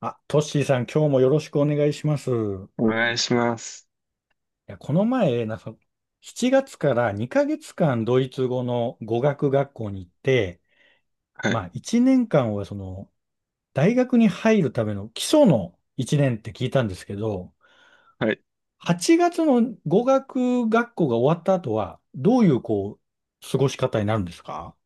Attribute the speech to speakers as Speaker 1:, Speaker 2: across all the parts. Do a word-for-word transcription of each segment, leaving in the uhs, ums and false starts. Speaker 1: あ、トッシーさん、今日もよろしくお願いします。い
Speaker 2: お願いします。
Speaker 1: や、この前、なんか、しちがつからにかげつかんドイツ語の語学学校に行って、
Speaker 2: は
Speaker 1: ま
Speaker 2: い。
Speaker 1: あ、いちねんかんはその、大学に入るための基礎のいちねんって聞いたんですけど、
Speaker 2: はい。
Speaker 1: はちがつの語学学校が終わった後は、どういう、こう、過ごし方になるんですか？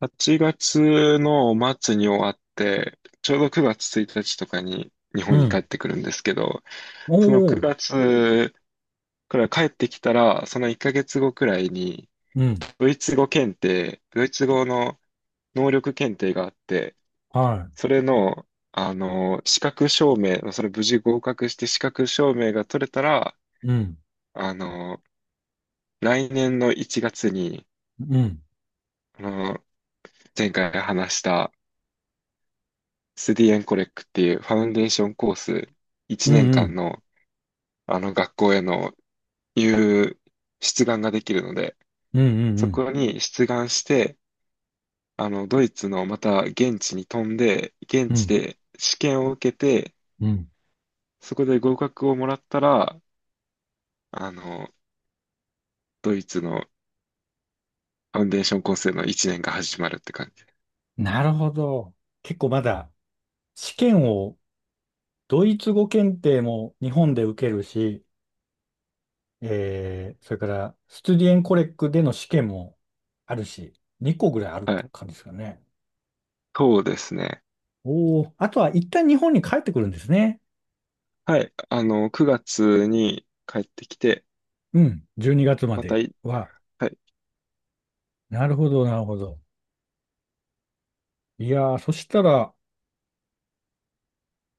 Speaker 2: はちがつの末に終わって、ちょうどくがつついたちとかに日
Speaker 1: う
Speaker 2: 本に帰っ
Speaker 1: ん。
Speaker 2: てくるんですけど、
Speaker 1: お
Speaker 2: その
Speaker 1: お、
Speaker 2: くがつから帰ってきたら、そのいっかげつごくらいに、
Speaker 1: うん。
Speaker 2: ドイツ語検定、ドイツ語の能力検定があって、
Speaker 1: は
Speaker 2: それの、あの、資格証明、それ無事合格して資格証明が取れたら、
Speaker 1: い。うん。
Speaker 2: あの、来年のいちがつに、
Speaker 1: うん。
Speaker 2: あの、前回話したスディエンコレックっていうファウンデーションコース
Speaker 1: う
Speaker 2: 1
Speaker 1: ん
Speaker 2: 年
Speaker 1: う
Speaker 2: 間
Speaker 1: ん。
Speaker 2: のあの学校への入出願ができるので、
Speaker 1: うんうんう
Speaker 2: そ
Speaker 1: ん。
Speaker 2: こに出願して、あのドイツのまた現地に飛んで、現
Speaker 1: う
Speaker 2: 地
Speaker 1: ん
Speaker 2: で試験を受けて、
Speaker 1: うん。
Speaker 2: そこで合格をもらったら、あのドイツのファウンデーションコースへのいちねんが始まるって感じ。
Speaker 1: なるほど。結構まだ試験をドイツ語検定も日本で受けるし、えー、それからスチュディエンコレックでの試験もあるし、にこぐらいあるっ
Speaker 2: は
Speaker 1: て
Speaker 2: い。
Speaker 1: 感じですかね？
Speaker 2: そうですね。
Speaker 1: おお、あとは一旦日本に帰ってくるんですね。
Speaker 2: はい。あの、くがつに帰ってきて、
Speaker 1: うん、じゅうにがつま
Speaker 2: また
Speaker 1: で
Speaker 2: い、
Speaker 1: は。
Speaker 2: はい。
Speaker 1: なるほど、なるほど。いやー、そしたら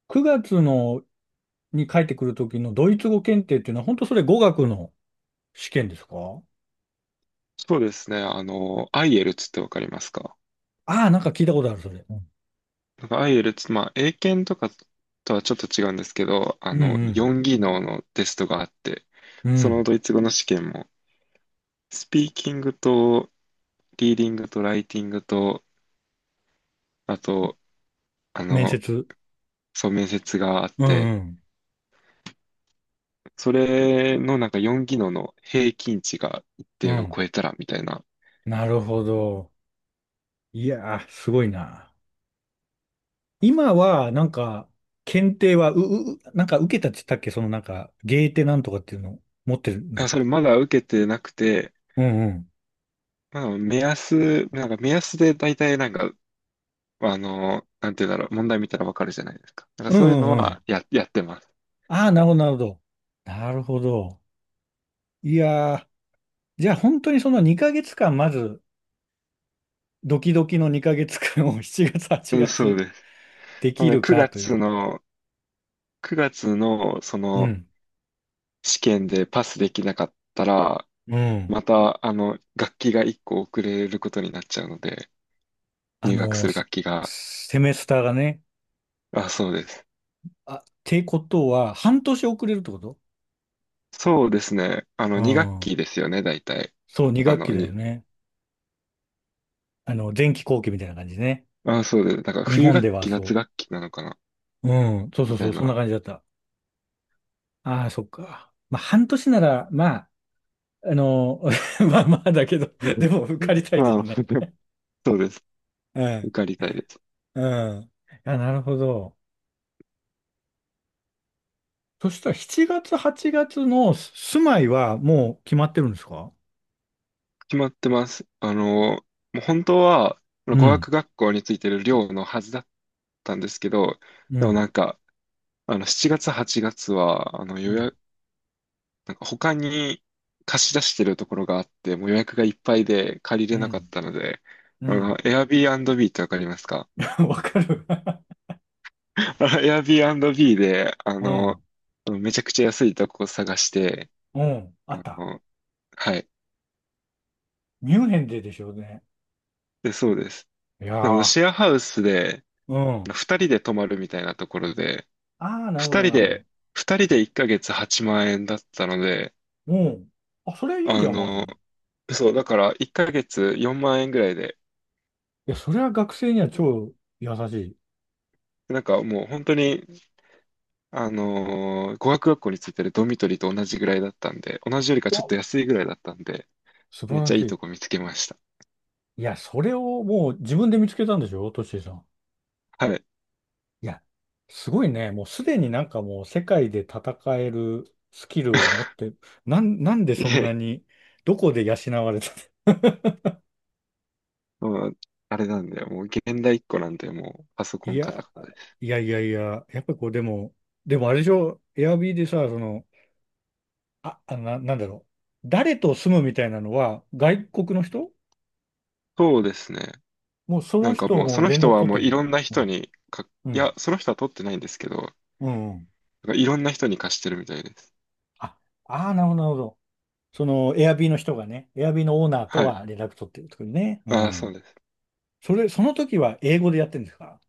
Speaker 1: くがつのに帰ってくる時のドイツ語検定っていうのは本当それ語学の試験ですか？
Speaker 2: そうですね。あの、アイエルツってわかりますか？
Speaker 1: ああー、なんか聞いたことある、それ。うん
Speaker 2: なんかアイエルツ、まあ、英検とかとはちょっと違うんですけど、あ
Speaker 1: う
Speaker 2: の、
Speaker 1: ん。
Speaker 2: よん技能のテストがあって、
Speaker 1: う
Speaker 2: その
Speaker 1: ん。
Speaker 2: ドイツ語の試験も、スピーキングと、リーディングと、ライティングと、あと、あ
Speaker 1: 面
Speaker 2: の、
Speaker 1: 接。
Speaker 2: そう、面接があっ
Speaker 1: うん
Speaker 2: て、
Speaker 1: うん。
Speaker 2: それのなんかよん技能の平均値が一
Speaker 1: う
Speaker 2: 定を
Speaker 1: ん。
Speaker 2: 超えたら、みたいな。
Speaker 1: なるほど。いやー、すごいな。今は、なんか、検定は、う、う、うなんか受けたって言ったっけ？そのなんか、ゲーテなんとかっていうの持ってるんだ
Speaker 2: あ、
Speaker 1: っ
Speaker 2: それ
Speaker 1: け？
Speaker 2: まだ受けてなくて、
Speaker 1: うんうん。
Speaker 2: まあ、目安、なんか目安で大体なんか、あの、なんていうんだろう、問題見たらわかるじゃないですか。なんか
Speaker 1: う
Speaker 2: そういう
Speaker 1: んう
Speaker 2: の
Speaker 1: んう
Speaker 2: は
Speaker 1: ん。
Speaker 2: や、やってます。
Speaker 1: ああ、なるほど、なるほど。なるほど。いやー、じゃあ本当にそのにかげつかん、まず、ドキドキのにかげつかんを しちがつ、8
Speaker 2: うん、そう
Speaker 1: 月
Speaker 2: です。
Speaker 1: で
Speaker 2: あ
Speaker 1: き
Speaker 2: の、
Speaker 1: る
Speaker 2: 9
Speaker 1: かとい
Speaker 2: 月
Speaker 1: う。
Speaker 2: の、くがつの、そ
Speaker 1: う
Speaker 2: の、
Speaker 1: ん。
Speaker 2: 試験でパスできなかったら、
Speaker 1: うん。
Speaker 2: また、あの、楽器がいっこ遅れることになっちゃうので、
Speaker 1: あ
Speaker 2: 入学す
Speaker 1: のー、
Speaker 2: る楽器が。
Speaker 1: セセメスターがね、
Speaker 2: あ、そうです。
Speaker 1: あ、ってことは、半年遅れるってこと？
Speaker 2: そうですね。あの、
Speaker 1: う
Speaker 2: に学
Speaker 1: ん。
Speaker 2: 期ですよね、大体。
Speaker 1: そう、に
Speaker 2: あ
Speaker 1: 学期
Speaker 2: の、
Speaker 1: だよ
Speaker 2: に、
Speaker 1: ね。あの、前期後期みたいな感じね。
Speaker 2: あ、そうです。だから、
Speaker 1: 日
Speaker 2: 冬
Speaker 1: 本で
Speaker 2: 学
Speaker 1: は
Speaker 2: 期、夏
Speaker 1: そ
Speaker 2: 学期なのかな、
Speaker 1: う。うん、そう
Speaker 2: み
Speaker 1: そう
Speaker 2: た
Speaker 1: そ
Speaker 2: い
Speaker 1: う、そんな
Speaker 2: な。
Speaker 1: 感じだった。ああ、そっか。まあ、半年なら、まあ、あの、まあまあだけど、
Speaker 2: う
Speaker 1: でも受か
Speaker 2: ん。
Speaker 1: り たいです
Speaker 2: まあ、
Speaker 1: よね。
Speaker 2: そうです。
Speaker 1: う
Speaker 2: 受
Speaker 1: ん、
Speaker 2: かりたいです。
Speaker 1: うん。あ、なるほど。そしたらしちがつ、はちがつの住まいはもう決まってるんですか？
Speaker 2: 決まってます。あの、もう本当は、語
Speaker 1: うん。
Speaker 2: 学学校についてる寮のはずだったんですけど、
Speaker 1: う
Speaker 2: でも
Speaker 1: ん、
Speaker 2: なんか、あの、しちがつ、はちがつは、あの、予
Speaker 1: うん、
Speaker 2: 約、なんか他に貸し出してるところがあって、もう予約がいっぱいで借り
Speaker 1: う
Speaker 2: れなかっ
Speaker 1: ん、
Speaker 2: たので、
Speaker 1: う
Speaker 2: あの、
Speaker 1: ん。
Speaker 2: Airbnb ってわかりますか？
Speaker 1: わかる。
Speaker 2: あの ?Airbnb で、あ
Speaker 1: う
Speaker 2: の、
Speaker 1: ん、
Speaker 2: あのめちゃくちゃ安いとこを探して、
Speaker 1: うん、あっ
Speaker 2: あ
Speaker 1: た。
Speaker 2: の、はい。
Speaker 1: ミュンヘンででしょうね。
Speaker 2: で、そうです。
Speaker 1: いや
Speaker 2: でも、
Speaker 1: ー、
Speaker 2: シェアハウスで、
Speaker 1: うん。
Speaker 2: ふたりで泊まるみたいなところで、
Speaker 1: ああ、なるほ
Speaker 2: 2
Speaker 1: ど、
Speaker 2: 人
Speaker 1: なるほど。
Speaker 2: で、ふたりでいっかげつはちまん円だったので、
Speaker 1: うん。あ、それいいんじ
Speaker 2: あ
Speaker 1: ゃん、まず。
Speaker 2: の、
Speaker 1: い
Speaker 2: そう、だからいっかげつよんまん円ぐらいで、
Speaker 1: や、それは学生には超優しい。
Speaker 2: なんかもう本当に、あのー語学学校についてるドミトリーと同じぐらいだったんで、同じよりかちょっ
Speaker 1: わ、
Speaker 2: と安いぐらいだったんで、
Speaker 1: 素晴
Speaker 2: めっち
Speaker 1: ら
Speaker 2: ゃ
Speaker 1: し
Speaker 2: いいと
Speaker 1: い。
Speaker 2: こ見つけました。
Speaker 1: いや、それをもう自分で見つけたんでしょ、トッシーさん。
Speaker 2: はい。
Speaker 1: いや、すごいね。もうすでになんかもう世界で戦えるスキルを持っ て、なん、なんで
Speaker 2: い
Speaker 1: そんな
Speaker 2: え、
Speaker 1: に、どこで養われたの？
Speaker 2: もう、あれなんだよ。もう現代一個なんで、もうパソ コ
Speaker 1: い
Speaker 2: ンカタ
Speaker 1: や、
Speaker 2: カタです。
Speaker 1: いやいやいや、やっぱこう、でも、でもあれでしょ、エアビーでさ、その、あ、あの、な、なんだろう？誰と住むみたいなのは、外国の人
Speaker 2: そうですね。
Speaker 1: もうそ
Speaker 2: な
Speaker 1: の
Speaker 2: んか
Speaker 1: 人
Speaker 2: もう、そ
Speaker 1: も
Speaker 2: の
Speaker 1: 連
Speaker 2: 人
Speaker 1: 絡
Speaker 2: は
Speaker 1: 取っ
Speaker 2: も
Speaker 1: て
Speaker 2: うい
Speaker 1: る
Speaker 2: ろんな
Speaker 1: の？
Speaker 2: 人にか、
Speaker 1: うん。う
Speaker 2: い
Speaker 1: ん。
Speaker 2: や、その人は取ってないんですけど、
Speaker 1: うん、
Speaker 2: なんかいろんな人に貸してるみたいです。
Speaker 1: ああーなるほど、なるほど。その、エアビーの人がね、エアビーのオーナーと
Speaker 2: はい。
Speaker 1: は連絡取ってるところね。う
Speaker 2: ああ、そ
Speaker 1: ん。
Speaker 2: うです。
Speaker 1: それ、その時は英語でやってるんですか？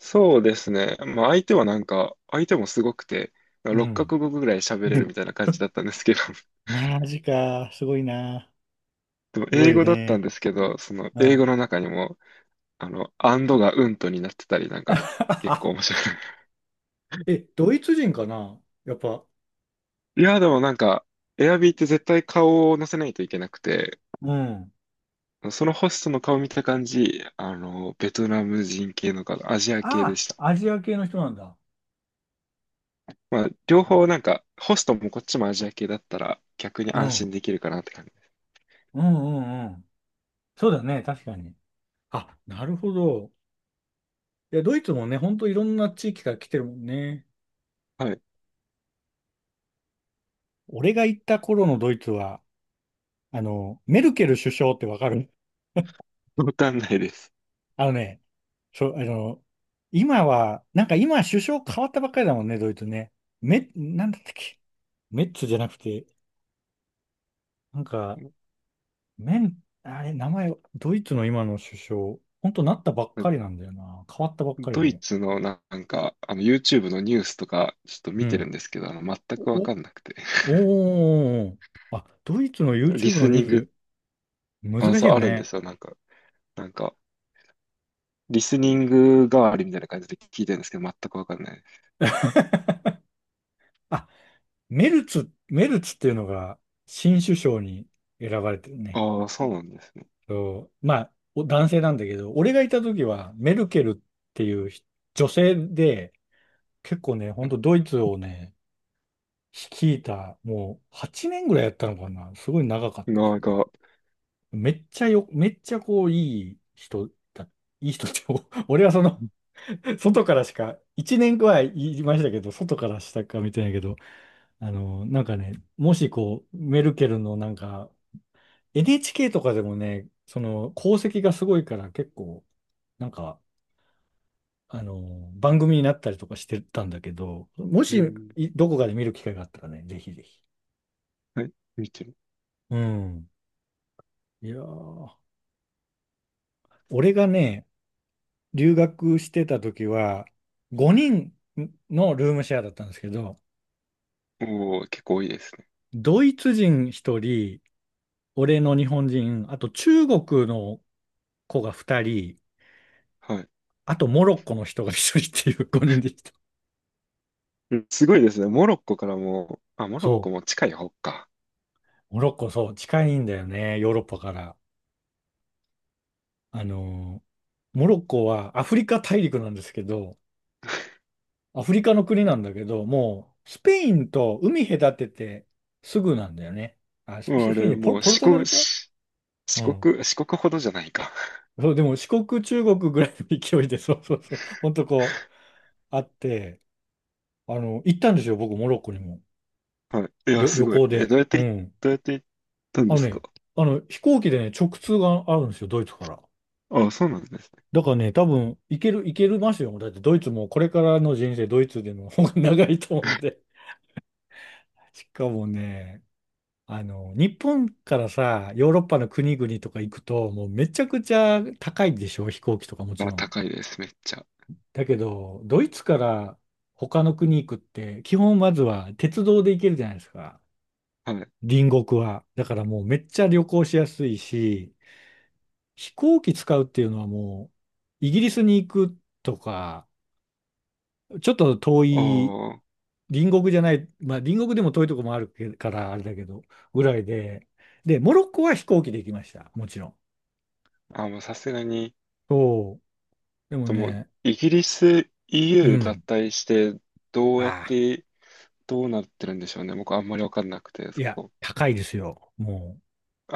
Speaker 2: そうですね。まあ相手はなんか、相手もすごくて、
Speaker 1: う
Speaker 2: 六
Speaker 1: ん。
Speaker 2: 角語ぐぐらい喋れる
Speaker 1: で、
Speaker 2: みたいな感じだ ったんですけど、
Speaker 1: マジか。すごいな。
Speaker 2: でも
Speaker 1: すご
Speaker 2: 英
Speaker 1: いよ
Speaker 2: 語だったん
Speaker 1: ね。
Speaker 2: ですけど、その
Speaker 1: う
Speaker 2: 英
Speaker 1: ん。
Speaker 2: 語の中にも、あの、アンドがうんとになってたり、なんか、結構面 白い。
Speaker 1: え、ドイツ人かな？やっぱ。
Speaker 2: いや、でもなんか、エアビーって絶対顔を載せないといけなくて、
Speaker 1: うん。
Speaker 2: そのホストの顔見た感じ、あの、ベトナム人系の方、アジア系で
Speaker 1: あ
Speaker 2: した。
Speaker 1: あ、アジア系の人なんだ。
Speaker 2: まあ、両方なんか、ホストもこっちもアジア系だったら、逆に
Speaker 1: う
Speaker 2: 安心
Speaker 1: ん。
Speaker 2: できるかなって感じ。
Speaker 1: うんうんうん。そうだね、確かに。あ、なるほど。いや、ドイツもね、ほんといろんな地域から来てるもんね。
Speaker 2: はい。
Speaker 1: 俺が行った頃のドイツは、あの、メルケル首相ってわかる？
Speaker 2: わかんないです。
Speaker 1: あのね、そう、あの、今は、なんか今首相変わったばっかりだもんね、ドイツね。メ、なんだったっけ？メッツじゃなくて、なんか、メン、あれ、名前、ドイツの今の首相、ほんとなったばっかりなんだよな。変わったばっかり
Speaker 2: ドイ
Speaker 1: で。
Speaker 2: ツのなんか、あの、YouTube のニュースとか、ちょっと
Speaker 1: う
Speaker 2: 見てる
Speaker 1: ん。
Speaker 2: んですけど、あの、全くわ
Speaker 1: お、
Speaker 2: かんなくて。
Speaker 1: おー。あ、ドイツの
Speaker 2: リ
Speaker 1: ユーチューブ
Speaker 2: ス
Speaker 1: のニ
Speaker 2: ニ
Speaker 1: ュ
Speaker 2: ング、
Speaker 1: ース、
Speaker 2: あ、
Speaker 1: 難しい
Speaker 2: そう、
Speaker 1: よ
Speaker 2: あるんで
Speaker 1: ね。
Speaker 2: すよ。なんか、なんか、リスニング代わりみたいな感じで聞いてるんですけど、全くわかんないです。
Speaker 1: あ、メルツ、メルツっていうのが新首相に選ばれてるね。
Speaker 2: ああ、そうなんですね。
Speaker 1: そう、まあ、お男性なんだけど、俺がいた時はメルケルっていうひ女性で、結構ね、ほ
Speaker 2: は
Speaker 1: ん
Speaker 2: い。
Speaker 1: とドイツをね、率いた、もうはちねんぐらいやったのかな。すごい長かったで
Speaker 2: な
Speaker 1: す
Speaker 2: ん
Speaker 1: ね。
Speaker 2: か、
Speaker 1: めっちゃよ、めっちゃこう、いい人だ、いい人って、お俺はその、外からしか、いちねんくらい言いましたけど、外からしたか見てないけど、あの、なんかね、もしこう、メルケルのなんか、エヌエイチケー とかでもね、その功績がすごいから結構、なんか、あの、番組になったりとかしてたんだけど、も
Speaker 2: う
Speaker 1: し、
Speaker 2: ん、
Speaker 1: いどこかで見る機会があったらね、ぜひぜひ。
Speaker 2: はい、見てる。
Speaker 1: うん。いやー、俺がね、留学してた時は、ごにんのルームシェアだったんですけど、
Speaker 2: おー、結構多いですね。
Speaker 1: ドイツ人ひとり、俺の日本人、あと中国の子がふたり、
Speaker 2: はい。
Speaker 1: あとモロッコの人がひとりっていうご 人でした。
Speaker 2: うん、すごいですね。モロッコからも、あ、モロッコ
Speaker 1: そ
Speaker 2: も近い方か。
Speaker 1: うモロッコ、そう、近いんだよね、ヨーロッパから。あのーモロッコはアフリカ大陸なんですけど、アフリカの国なんだけど、もう、スペインと海隔ててすぐなんだよね。あ、スペ
Speaker 2: もう
Speaker 1: ス
Speaker 2: あ
Speaker 1: ペイン
Speaker 2: れ、
Speaker 1: でポル、
Speaker 2: もう
Speaker 1: ポル
Speaker 2: 四
Speaker 1: トガ
Speaker 2: 国、
Speaker 1: ルか？
Speaker 2: し四
Speaker 1: うん。
Speaker 2: 国、四国ほどじゃないか。
Speaker 1: そう、でも四国、中国ぐらいの勢いで、そうそうそう、ほん とこう、あって、あの、行ったんですよ、僕、モロッコにも。
Speaker 2: はい。いや、
Speaker 1: 旅、
Speaker 2: す
Speaker 1: 旅
Speaker 2: ごい。
Speaker 1: 行
Speaker 2: え、
Speaker 1: で。
Speaker 2: どうやっ
Speaker 1: う
Speaker 2: てい、
Speaker 1: ん。
Speaker 2: どうやって行ったん
Speaker 1: あ
Speaker 2: で
Speaker 1: の
Speaker 2: すか？
Speaker 1: ね、あの、飛行機でね、直通があるんですよ、ドイツから。
Speaker 2: あ、そうなんです
Speaker 1: だからね、多分、行ける、行けるますよ。だって、ドイツもこれからの人生、ドイツでの方が 長いと思うんで。しかもね、あの、日本からさ、ヨーロッパの国々とか行くと、もうめちゃくちゃ高いでしょ、飛行機とかも
Speaker 2: ね。
Speaker 1: ち
Speaker 2: あ、
Speaker 1: ろん。
Speaker 2: 高いです、めっちゃ。
Speaker 1: だけど、ドイツから他の国行くって、基本まずは鉄道で行けるじゃないですか。
Speaker 2: はい。
Speaker 1: 隣国は。だからもうめっちゃ旅行しやすいし、飛行機使うっていうのはもう、イギリスに行くとか、ちょっと遠
Speaker 2: お
Speaker 1: い、
Speaker 2: ー、
Speaker 1: 隣国じゃない、まあ隣国でも遠いとこもあるけからあれだけど、ぐらいで、で、モロッコは飛行機で行きました。もちろん。
Speaker 2: あ、もうさすがに、
Speaker 1: そう。でも
Speaker 2: でも、
Speaker 1: ね、
Speaker 2: イギリス
Speaker 1: う
Speaker 2: イーユー 脱
Speaker 1: ん。
Speaker 2: 退して、どうやっ
Speaker 1: ああ、
Speaker 2: て、どうなってるんでしょうね。僕、あんまりわかんなくて、
Speaker 1: い
Speaker 2: そ
Speaker 1: や、
Speaker 2: こ。
Speaker 1: 高いですよ。もう、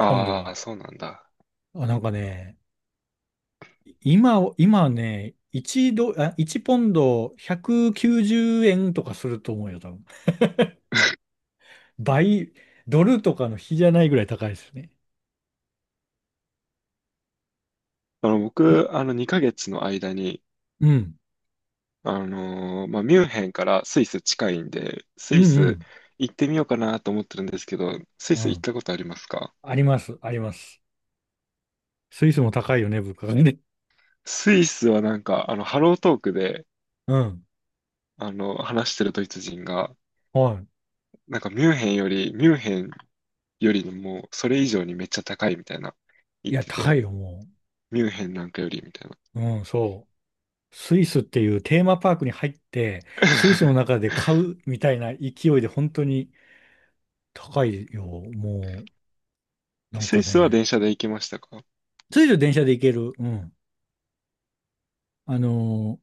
Speaker 1: ポンド
Speaker 2: あ、
Speaker 1: が。
Speaker 2: そうなんだ。
Speaker 1: あ、なんかね、今、今ね、いちド、あ、いちポンドひゃくきゅうじゅうえんとかすると思うよ、多分。倍、ドルとかの比じゃないぐらい高いですね。
Speaker 2: あの、
Speaker 1: い
Speaker 2: 僕、あの、にかげつの間に、
Speaker 1: うん。
Speaker 2: あのーまあ、ミュンヘンからスイス近いんで、ス
Speaker 1: うん
Speaker 2: イ
Speaker 1: う
Speaker 2: ス
Speaker 1: ん。
Speaker 2: 行ってみようかなと思ってるんですけど、スイ
Speaker 1: う
Speaker 2: ス行っ
Speaker 1: ん。
Speaker 2: たことありますか？
Speaker 1: あります。あります。スイスも高いよね、物価がね。
Speaker 2: スイスはなんか、あの、ハロートークで、
Speaker 1: うん。
Speaker 2: あの、話してるドイツ人が、
Speaker 1: は
Speaker 2: なんかミュンヘンより、ミュンヘンよりもう、それ以上にめっちゃ高いみたいな、
Speaker 1: い。
Speaker 2: 言
Speaker 1: い
Speaker 2: っ
Speaker 1: や、
Speaker 2: て
Speaker 1: 高
Speaker 2: て、
Speaker 1: いよ、も
Speaker 2: ミュンヘンなんかよりみたいな。
Speaker 1: う。うん、そう。スイスっていうテーマパークに入って、スイスの 中で買うみたいな勢いで本当に高いよ、もう。なん
Speaker 2: ス
Speaker 1: か
Speaker 2: イスは
Speaker 1: ね。
Speaker 2: 電車で行きましたか？
Speaker 1: スイス電車で行ける。うん。あの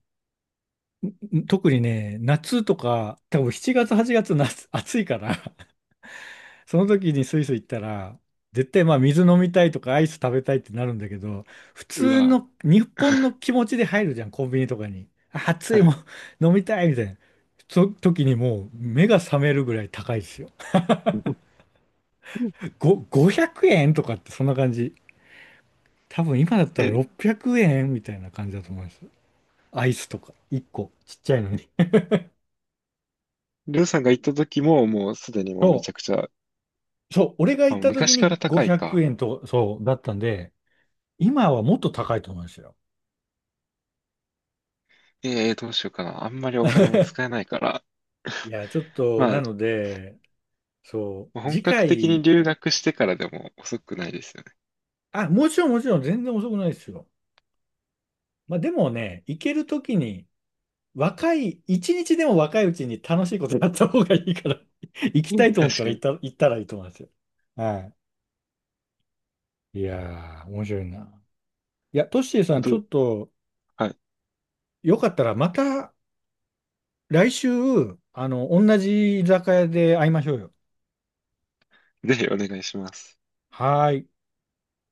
Speaker 1: ー特にね、夏とか、多分しちがつ、はちがつ、夏、暑いからその時にスイス行ったら、絶対まあ水飲みたいとかアイス食べたいってなるんだけど、普
Speaker 2: う
Speaker 1: 通
Speaker 2: わ。
Speaker 1: の日本の 気持ちで入るじゃん、コンビニとかに。あ熱
Speaker 2: は
Speaker 1: いも
Speaker 2: い。
Speaker 1: ん 飲みたいみたいな。そ時にもう目が覚めるぐらい高いですよ。ご、ごひゃくえんとかってそんな感じ。多分今だったら
Speaker 2: え、
Speaker 1: ろっぴゃくえんみたいな感じだと思います。アイスとか。いっこ。ちっちゃいのに。
Speaker 2: りょうさんが行った時も、もうすでにもう
Speaker 1: そ
Speaker 2: めちゃくちゃ、
Speaker 1: う、そう、俺が行
Speaker 2: あ、
Speaker 1: った時
Speaker 2: 昔から
Speaker 1: に
Speaker 2: 高い
Speaker 1: 500
Speaker 2: か。
Speaker 1: 円と、そう、だったんで、今はもっと高いと思いますよ。
Speaker 2: えー、どうしようかな。あんまりお金も使えないから。
Speaker 1: いや、ちょっと、
Speaker 2: ま
Speaker 1: なので、そ
Speaker 2: あ、
Speaker 1: う、
Speaker 2: 本
Speaker 1: 次
Speaker 2: 格的に
Speaker 1: 回、
Speaker 2: 留学してからでも遅くないですよね。
Speaker 1: あ、もちろんもちろん全然遅くないですよ。まあでもね、行けるときに、若い、いちにちでも若いうちに楽しいことやった方がいいから 行き
Speaker 2: う
Speaker 1: たい
Speaker 2: ん、
Speaker 1: と思っ
Speaker 2: 確
Speaker 1: た
Speaker 2: か
Speaker 1: ら行っ
Speaker 2: に。
Speaker 1: た、行ったらいいと思いますよ。はい。いやー、面白いな。いや、トッシーさ
Speaker 2: 本
Speaker 1: ん、
Speaker 2: 当
Speaker 1: ちょ
Speaker 2: に、
Speaker 1: っと、
Speaker 2: はい。
Speaker 1: よかったらまた来週、あの、同じ居酒屋で会いましょうよ。
Speaker 2: ぜひお願いします。
Speaker 1: はーい。